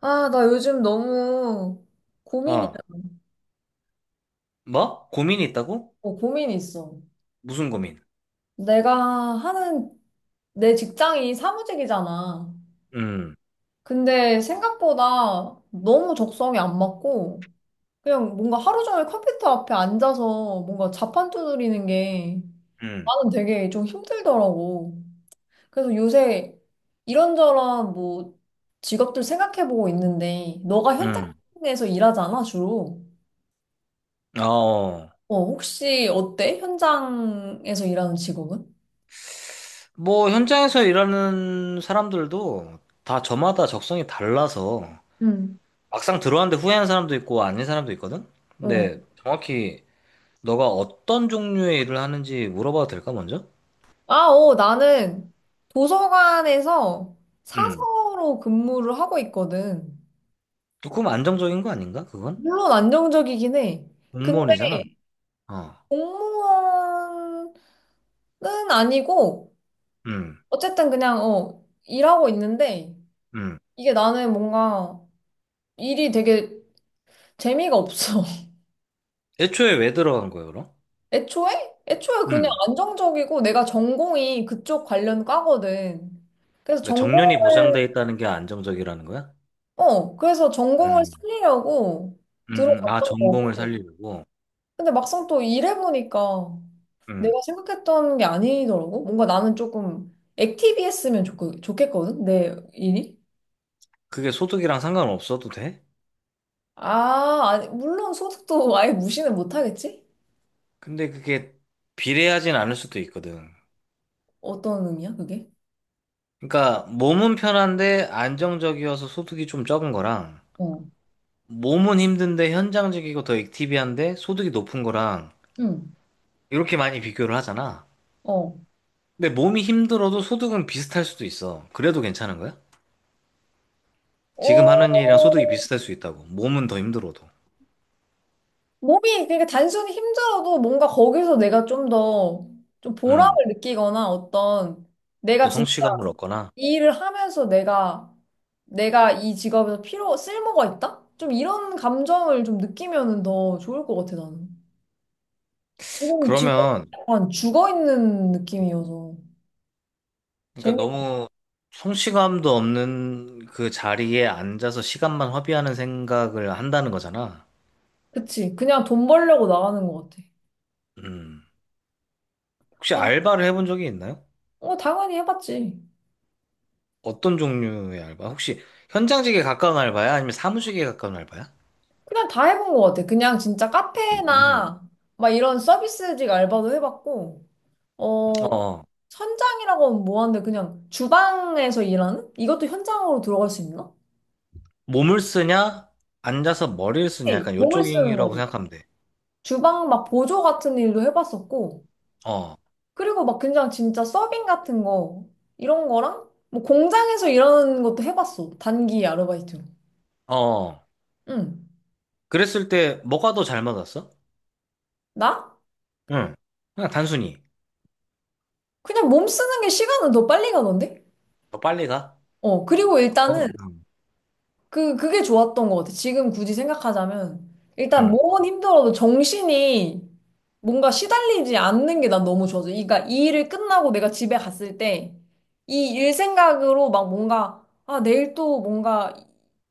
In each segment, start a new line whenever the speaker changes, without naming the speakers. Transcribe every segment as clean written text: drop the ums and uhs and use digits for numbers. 아, 나 요즘 너무 고민이,
어, 뭐? 고민이 있다고?
고민이 있어.
무슨 고민?
내가 하는 내 직장이 사무직이잖아.
음,
근데 생각보다 너무 적성이 안 맞고, 그냥 뭔가 하루 종일 컴퓨터 앞에 앉아서 뭔가 자판 두드리는 게
음,
나는 되게 좀 힘들더라고. 그래서 요새 이런저런 뭐 직업들 생각해보고 있는데, 너가
음.
현장에서 일하잖아, 주로.
어,
어, 혹시 어때? 현장에서 일하는 직업은?
현장에서 일하는 사람들도 다 저마다 적성이 달라서
응,
막상 들어왔는데 후회하는 사람도 있고 아닌 사람도 있거든?
어.
근데 정확히 너가 어떤 종류의 일을 하는지 물어봐도 될까, 먼저?
아, 어, 나는 도서관에서
음.
사서로 근무를 하고 있거든.
조금 안정적인 거 아닌가, 그건?
물론 안정적이긴 해. 근데
공무원이잖아. 어,
공무원은 아니고,
음,
어쨌든 그냥, 일하고 있는데,
음.
이게 나는 뭔가 일이 되게 재미가 없어.
애초에 왜 들어간 거야, 그럼?
애초에? 애초에 그냥
음.
안정적이고, 내가 전공이 그쪽 관련 과거든. 그래서
그러니까 정년이
전공을
보장돼 있다는 게 안정적이라는 거야?
그래서 전공을
음.
살리려고
아,
들어갔던
전공을
거고.
살리려고.
근데 막상 또 일해보니까
음.
내가 생각했던 게 아니더라고. 뭔가 나는 조금 액티비했으면 좋겠거든, 내 일이.
그게 소득이랑 상관없어도 돼?
아, 아니, 물론 소득도 아예 무시는 못하겠지?
근데 그게 비례하진 않을 수도 있거든.
어떤 의미야, 그게?
그러니까 몸은 편한데 안정적이어서 소득이 좀 적은 거랑
어,
몸은 힘든데 현장직이고 더 액티비한데 소득이 높은 거랑
응,
이렇게 많이 비교를 하잖아.
어.
근데 몸이 힘들어도 소득은 비슷할 수도 있어. 그래도 괜찮은 거야? 지금 하는 일이랑 소득이
어,
비슷할 수 있다고. 몸은 더 힘들어도.
몸이, 그러니까 단순히 힘들어도 뭔가 거기서 내가 좀 더, 좀 보람을
음.
느끼거나 어떤, 내가
어떤
진짜
성취감을 얻거나.
이 일을 하면서 내가 이 직업에서 필요 쓸모가 있다? 좀 이런 감정을 좀 느끼면은 더 좋을 것 같아 나는. 지금
그러면
약간 죽어 있는 느낌이어서
그러니까
재미.
너무 성취감도 없는 그 자리에 앉아서 시간만 허비하는 생각을 한다는 거잖아.
그치? 그냥 돈 벌려고 나가는 것 같아.
음. 혹시
아,
알바를 해본 적이 있나요?
어 당연히 해봤지.
어떤 종류의 알바? 혹시 현장직에 가까운 알바야? 아니면 사무직에 가까운 알바야?
그냥 다 해본 것 같아. 그냥 진짜
음.
카페나 막 이런 서비스직 알바도 해봤고 어
어,
현장이라고는 뭐한데 그냥 주방에서 일하는? 이것도 현장으로 들어갈 수 있나?
몸을 쓰냐? 앉아서 머리를 쓰냐?
네,
약간
몸을 쓰는
요쪽이라고
거지.
생각하면 돼.
주방 막 보조 같은 일도 해봤었고,
어,
그리고 막 그냥 진짜 서빙 같은 거, 이런 거랑, 뭐 공장에서 일하는 것도 해봤어. 단기 아르바이트로.
어.
응.
그랬을 때 뭐가 더 잘 맞았어?
나?
응. 그냥 단순히.
그냥 몸 쓰는 게 시간은 더 빨리 가던데?
더 빨리 가?
어, 그리고
어,
일단은
응.
그게 좋았던 것 같아. 지금 굳이 생각하자면. 일단
응.
몸은 힘들어도 정신이 뭔가 시달리지 않는 게 난 너무 좋아서. 그러니까 이 일을 끝나고 내가 집에 갔을 때 이 일 생각으로 막 뭔가, 아, 내일 또 뭔가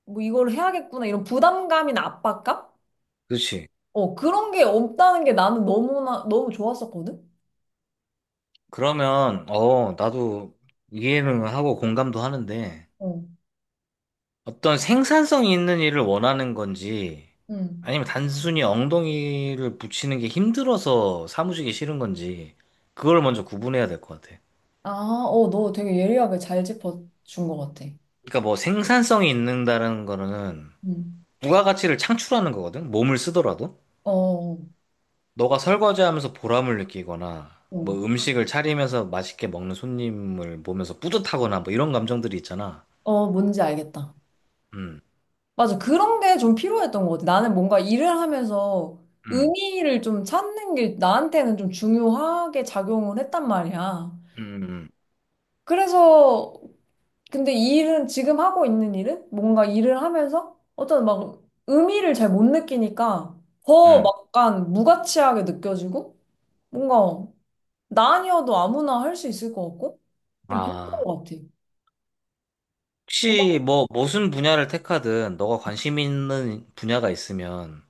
뭐 이걸 해야겠구나. 이런 부담감이나 압박감?
그렇지.
어, 그런 게 없다는 게 나는 너무나, 너무 좋았었거든?
그러면, 어, 나도 이해는 하고 공감도 하는데,
어,
어떤 생산성이 있는 일을 원하는 건지,
응.
아니면 단순히 엉덩이를 붙이는 게 힘들어서 사무직이 싫은 건지, 그걸 먼저 구분해야 될 것 같아.
아, 어, 너 되게 예리하게 잘 짚어준 것 같아.
그러니까 뭐 생산성이 있는다는 거는
응.
부가가치를 창출하는 거거든? 몸을 쓰더라도?
어,
너가 설거지하면서 보람을 느끼거나,
어,
뭐 음식을 차리면서 맛있게 먹는 손님을 보면서 뿌듯하거나, 뭐 이런 감정들이 있잖아.
어, 뭔지 알겠다.
음,
맞아. 그런 게 좀 필요했던 것 같아. 나는 뭔가 일을 하면서
음,
의미를 좀 찾는 게 나한테는 좀 중요하게 작용을 했단 말이야.
음.
그래서, 근데 이 일은, 지금 하고 있는 일은 뭔가 일을 하면서 어떤 막 의미를 잘 못 느끼니까 더
음.
막 약간 무가치하게 느껴지고 뭔가 나 아니어도 아무나 할 수 있을 것 같고 그런
아,
것 같아.
혹시 뭐 무슨 분야를 택하든 너가 관심 있는 분야가 있으면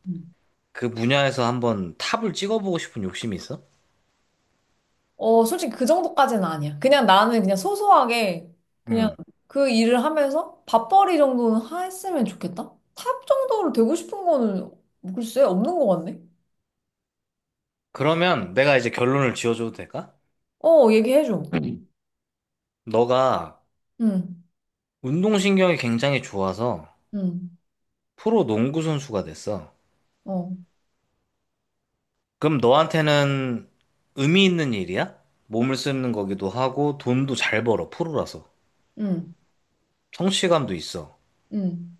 그 분야에서 한번 탑을 찍어보고 싶은 욕심이 있어?
어, 솔직히 그 정도까지는 아니야. 그냥 나는 그냥 소소하게 그냥
음.
그 일을 하면서 밥벌이 정도는 했으면 좋겠다. 탑 정도로 되고 싶은 거는 글쎄 없는 것 같네.
그러면 내가 이제 결론을 지어줘도 될까?
어, 얘기해줘.
음. 너가
응,
운동신경이 굉장히 좋아서
응,
프로 농구 선수가 됐어.
어,
그럼 너한테는 의미 있는 일이야? 몸을 쓰는 거기도 하고 돈도 잘 벌어, 프로라서.
응,
성취감도 있어.
응.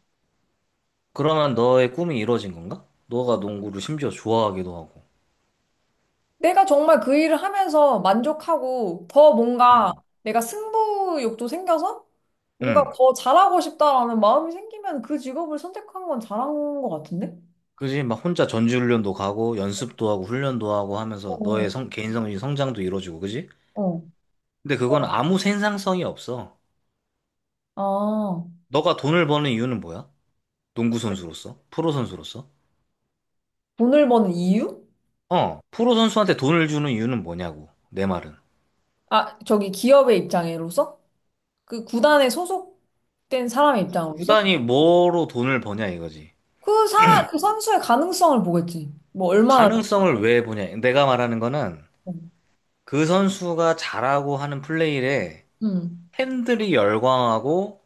그러면 너의 꿈이 이루어진 건가? 너가 농구를 심지어 좋아하기도 하고.
내가 정말 그 일을 하면서 만족하고 더 뭔가
음.
내가 승부욕도 생겨서 뭔가
응.
더 잘하고 싶다라는 마음이 생기면 그 직업을 선택한 건 잘한 것 같은데?
그지? 막 혼자 전지훈련도 가고 연습도 하고 훈련도 하고 하면서
어,
너의 성, 개인적인 성장도 이루어지고 그지?
어.
근데 그건 아무 생산성이 없어.
아.
너가 돈을 버는 이유는 뭐야? 농구 선수로서? 프로 선수로서?
돈을 버는 이유?
어, 프로 선수한테 돈을 주는 이유는 뭐냐고. 내 말은.
아, 저기 기업의 입장으로서? 그 구단에 소속된 사람의 입장으로서?
구단이 뭐로 돈을 버냐 이거지.
그 선수의 가능성을 보겠지. 뭐 얼마나.
가능성을 왜 보냐. 내가 말하는 거는 그 선수가 잘하고 하는 플레이에
응.
팬들이 열광하고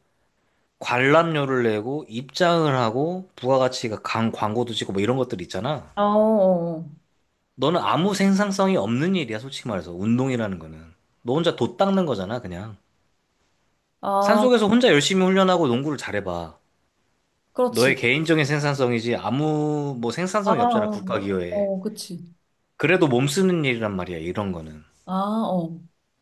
관람료를 내고 입장을 하고 부가가치가 강 광고도 찍고 뭐 이런 것들 있잖아.
어, 어,
너는 아무 생산성이 없는 일이야, 솔직히 말해서. 운동이라는 거는. 너 혼자 돛 닦는 거잖아, 그냥.
어. 아,
산속에서 혼자 열심히 훈련하고 농구를 잘해봐.
그렇지.
너의 개인적인 생산성이지 아무 뭐
아,
생산성이 없잖아,
아.
국가 기여에.
어, 그치.
그래도 몸 쓰는 일이란 말이야, 이런 거는.
아, 어.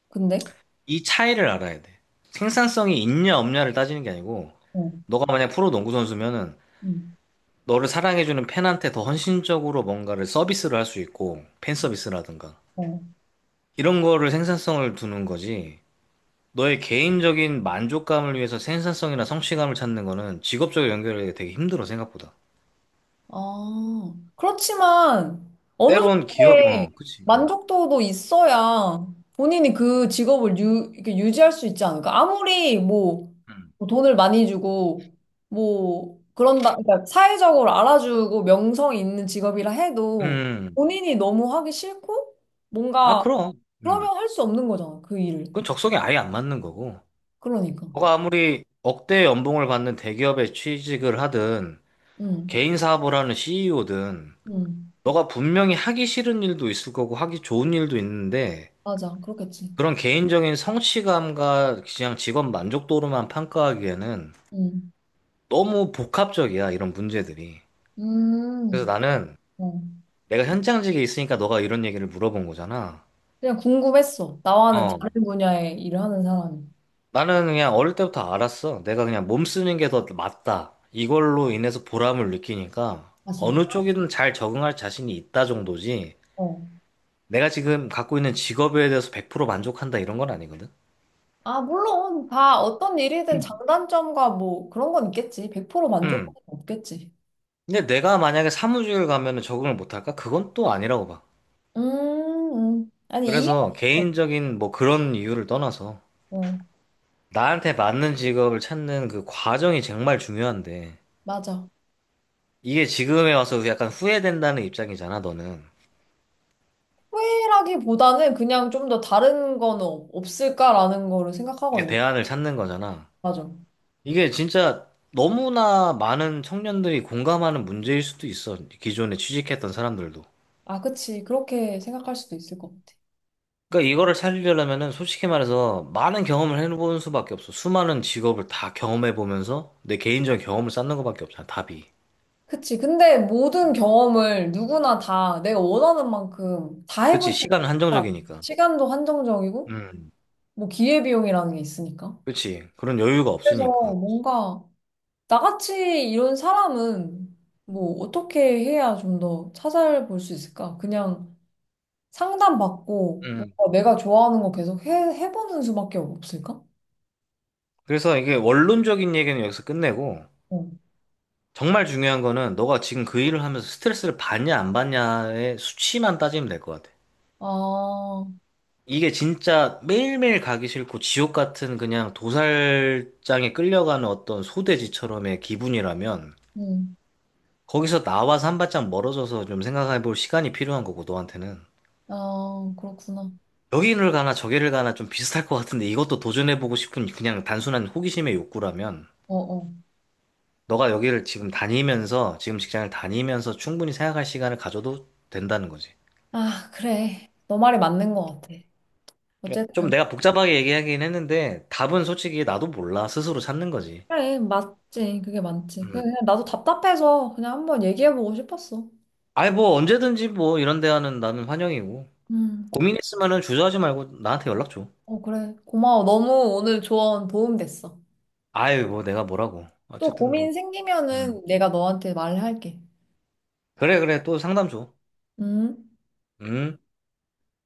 근데?
이 차이를 알아야 돼. 생산성이 있냐 없냐를 따지는 게 아니고
어,
너가 만약 프로 농구 선수면은
응,
너를 사랑해주는 팬한테 더 헌신적으로 뭔가를 서비스를 할 수 있고, 팬 서비스라든가.
어.
이런 거를 생산성을 두는 거지. 너의 개인적인 만족감을 위해서 생산성이나 성취감을 찾는 거는 직업적으로 연결이 되게 힘들어, 생각보다.
아, 그렇지만 어느
때론 기업,
정도의
어, 그치, 어.
만족도도 있어야 본인이 그 직업을 이렇게 유지할 수 있지 않을까? 아무리 뭐
음.
돈을 많이 주고 뭐 그런다, 그러니까 사회적으로 알아주고 명성이 있는 직업이라 해도
음.
본인이 너무 하기 싫고
아,
뭔가
그럼. 음.
그러면 할 수 없는 거잖아, 그 일을.
그건 적성에 아예 안 맞는 거고.
그러니까.
너가 아무리 억대 연봉을 받는 대기업에 취직을 하든,
응,
개인 사업을 하는 CEO든,
응,
너가 분명히 하기 싫은 일도 있을 거고, 하기 좋은 일도 있는데,
맞아, 그렇겠지.
그런 개인적인 성취감과 그냥 직업 만족도로만 평가하기에는
응,
너무 복합적이야, 이런 문제들이. 그래서
음,
나는
어.
내가 현장직에 있으니까 너가 이런 얘기를 물어본 거잖아.
그냥 궁금했어. 나와는
어.
다른 분야의 일을 하는 사람이.
나는 그냥 어릴 때부터 알았어. 내가 그냥 몸 쓰는 게 더 맞다. 이걸로 인해서 보람을 느끼니까
아, 진짜?
어느 쪽이든 잘 적응할 자신이 있다 정도지.
어.
내가 지금 갖고 있는 직업에 대해서 100% 만족한다 이런 건 아니거든.
아, 물론 다 어떤 일이든 장단점과 뭐 그런 건 있겠지. 100% 만족은
음.
없겠지.
근데 내가 만약에 사무직을 가면은 적응을 못할까? 그건 또 아니라고 봐.
아니, 이해가
그래서
어
개인적인 뭐 그런 이유를 떠나서
어,
나한테 맞는 직업을 찾는 그 과정이 정말 중요한데
맞아.
이게 지금에 와서 약간 후회된다는 입장이잖아, 너는.
후회라기보다는 그냥 좀 더 다른 거는 없을까라는 거를 생각하고
이게
있는.
대안을 찾는 거잖아.
맞아.
이게 진짜 너무나 많은 청년들이 공감하는 문제일 수도 있어. 기존에 취직했던 사람들도.
아, 그치. 그렇게 생각할 수도 있을 것 같아.
그러니까 이거를 살리려면은 솔직히 말해서 많은 경험을 해보는 수밖에 없어. 수많은 직업을 다 경험해 보면서 내 개인적인 경험을 쌓는 것밖에 없잖아, 답이.
그치. 근데 모든 경험을 누구나 다 내가 원하는 만큼 다 해볼
그치,
수가
시간은
없다.
한정적이니까.
시간도 한정적이고,
음.
뭐 기회비용이라는 게 있으니까.
그렇지. 그런 여유가
그래서
없으니까.
뭔가 나같이 이런 사람은 뭐 어떻게 해야 좀 더 찾아볼 수 있을까? 그냥 상담받고
음.
뭔가 내가 좋아하는 거 계속 해보는 수밖에 없을까?
그래서 이게 원론적인 얘기는 여기서 끝내고
어.
정말 중요한 거는 너가 지금 그 일을 하면서 스트레스를 받냐 안 받냐의 수치만 따지면 될 것 같아.
아,
이게 진짜 매일매일 가기 싫고 지옥 같은 그냥 도살장에 끌려가는 어떤 소돼지처럼의 기분이라면
음.
거기서 나와서 한 발짝 멀어져서 좀 생각해 볼 시간이 필요한 거고 너한테는
아, 그렇구나.
여기를 가나 저기를 가나 좀 비슷할 것 같은데 이것도 도전해 보고 싶은 그냥 단순한 호기심의 욕구라면
어, 어.
너가 여기를 지금 다니면서, 지금 직장을 다니면서 충분히 생각할 시간을 가져도 된다는 거지.
아, 그래. 너 말이 맞는 것 같아.
그러니까
어쨌든.
좀 내가 복잡하게 얘기하긴 했는데, 답은 솔직히 나도 몰라. 스스로 찾는 거지.
그래, 맞지. 그게 많지. 그래,
음.
그냥 나도 답답해서 그냥 한번 얘기해보고 싶었어.
아니, 뭐, 언제든지 뭐, 이런 대화는 나는 환영이고.
음,
고민 있으면은 주저하지 말고 나한테 연락 줘.
어, 그래. 고마워. 너무 오늘 조언 도움 됐어.
아유, 뭐, 내가 뭐라고.
또
어쨌든 뭐.
고민
음.
생기면은 내가 너한테 말할게.
그래, 그래. 또 상담 줘.
음.
음.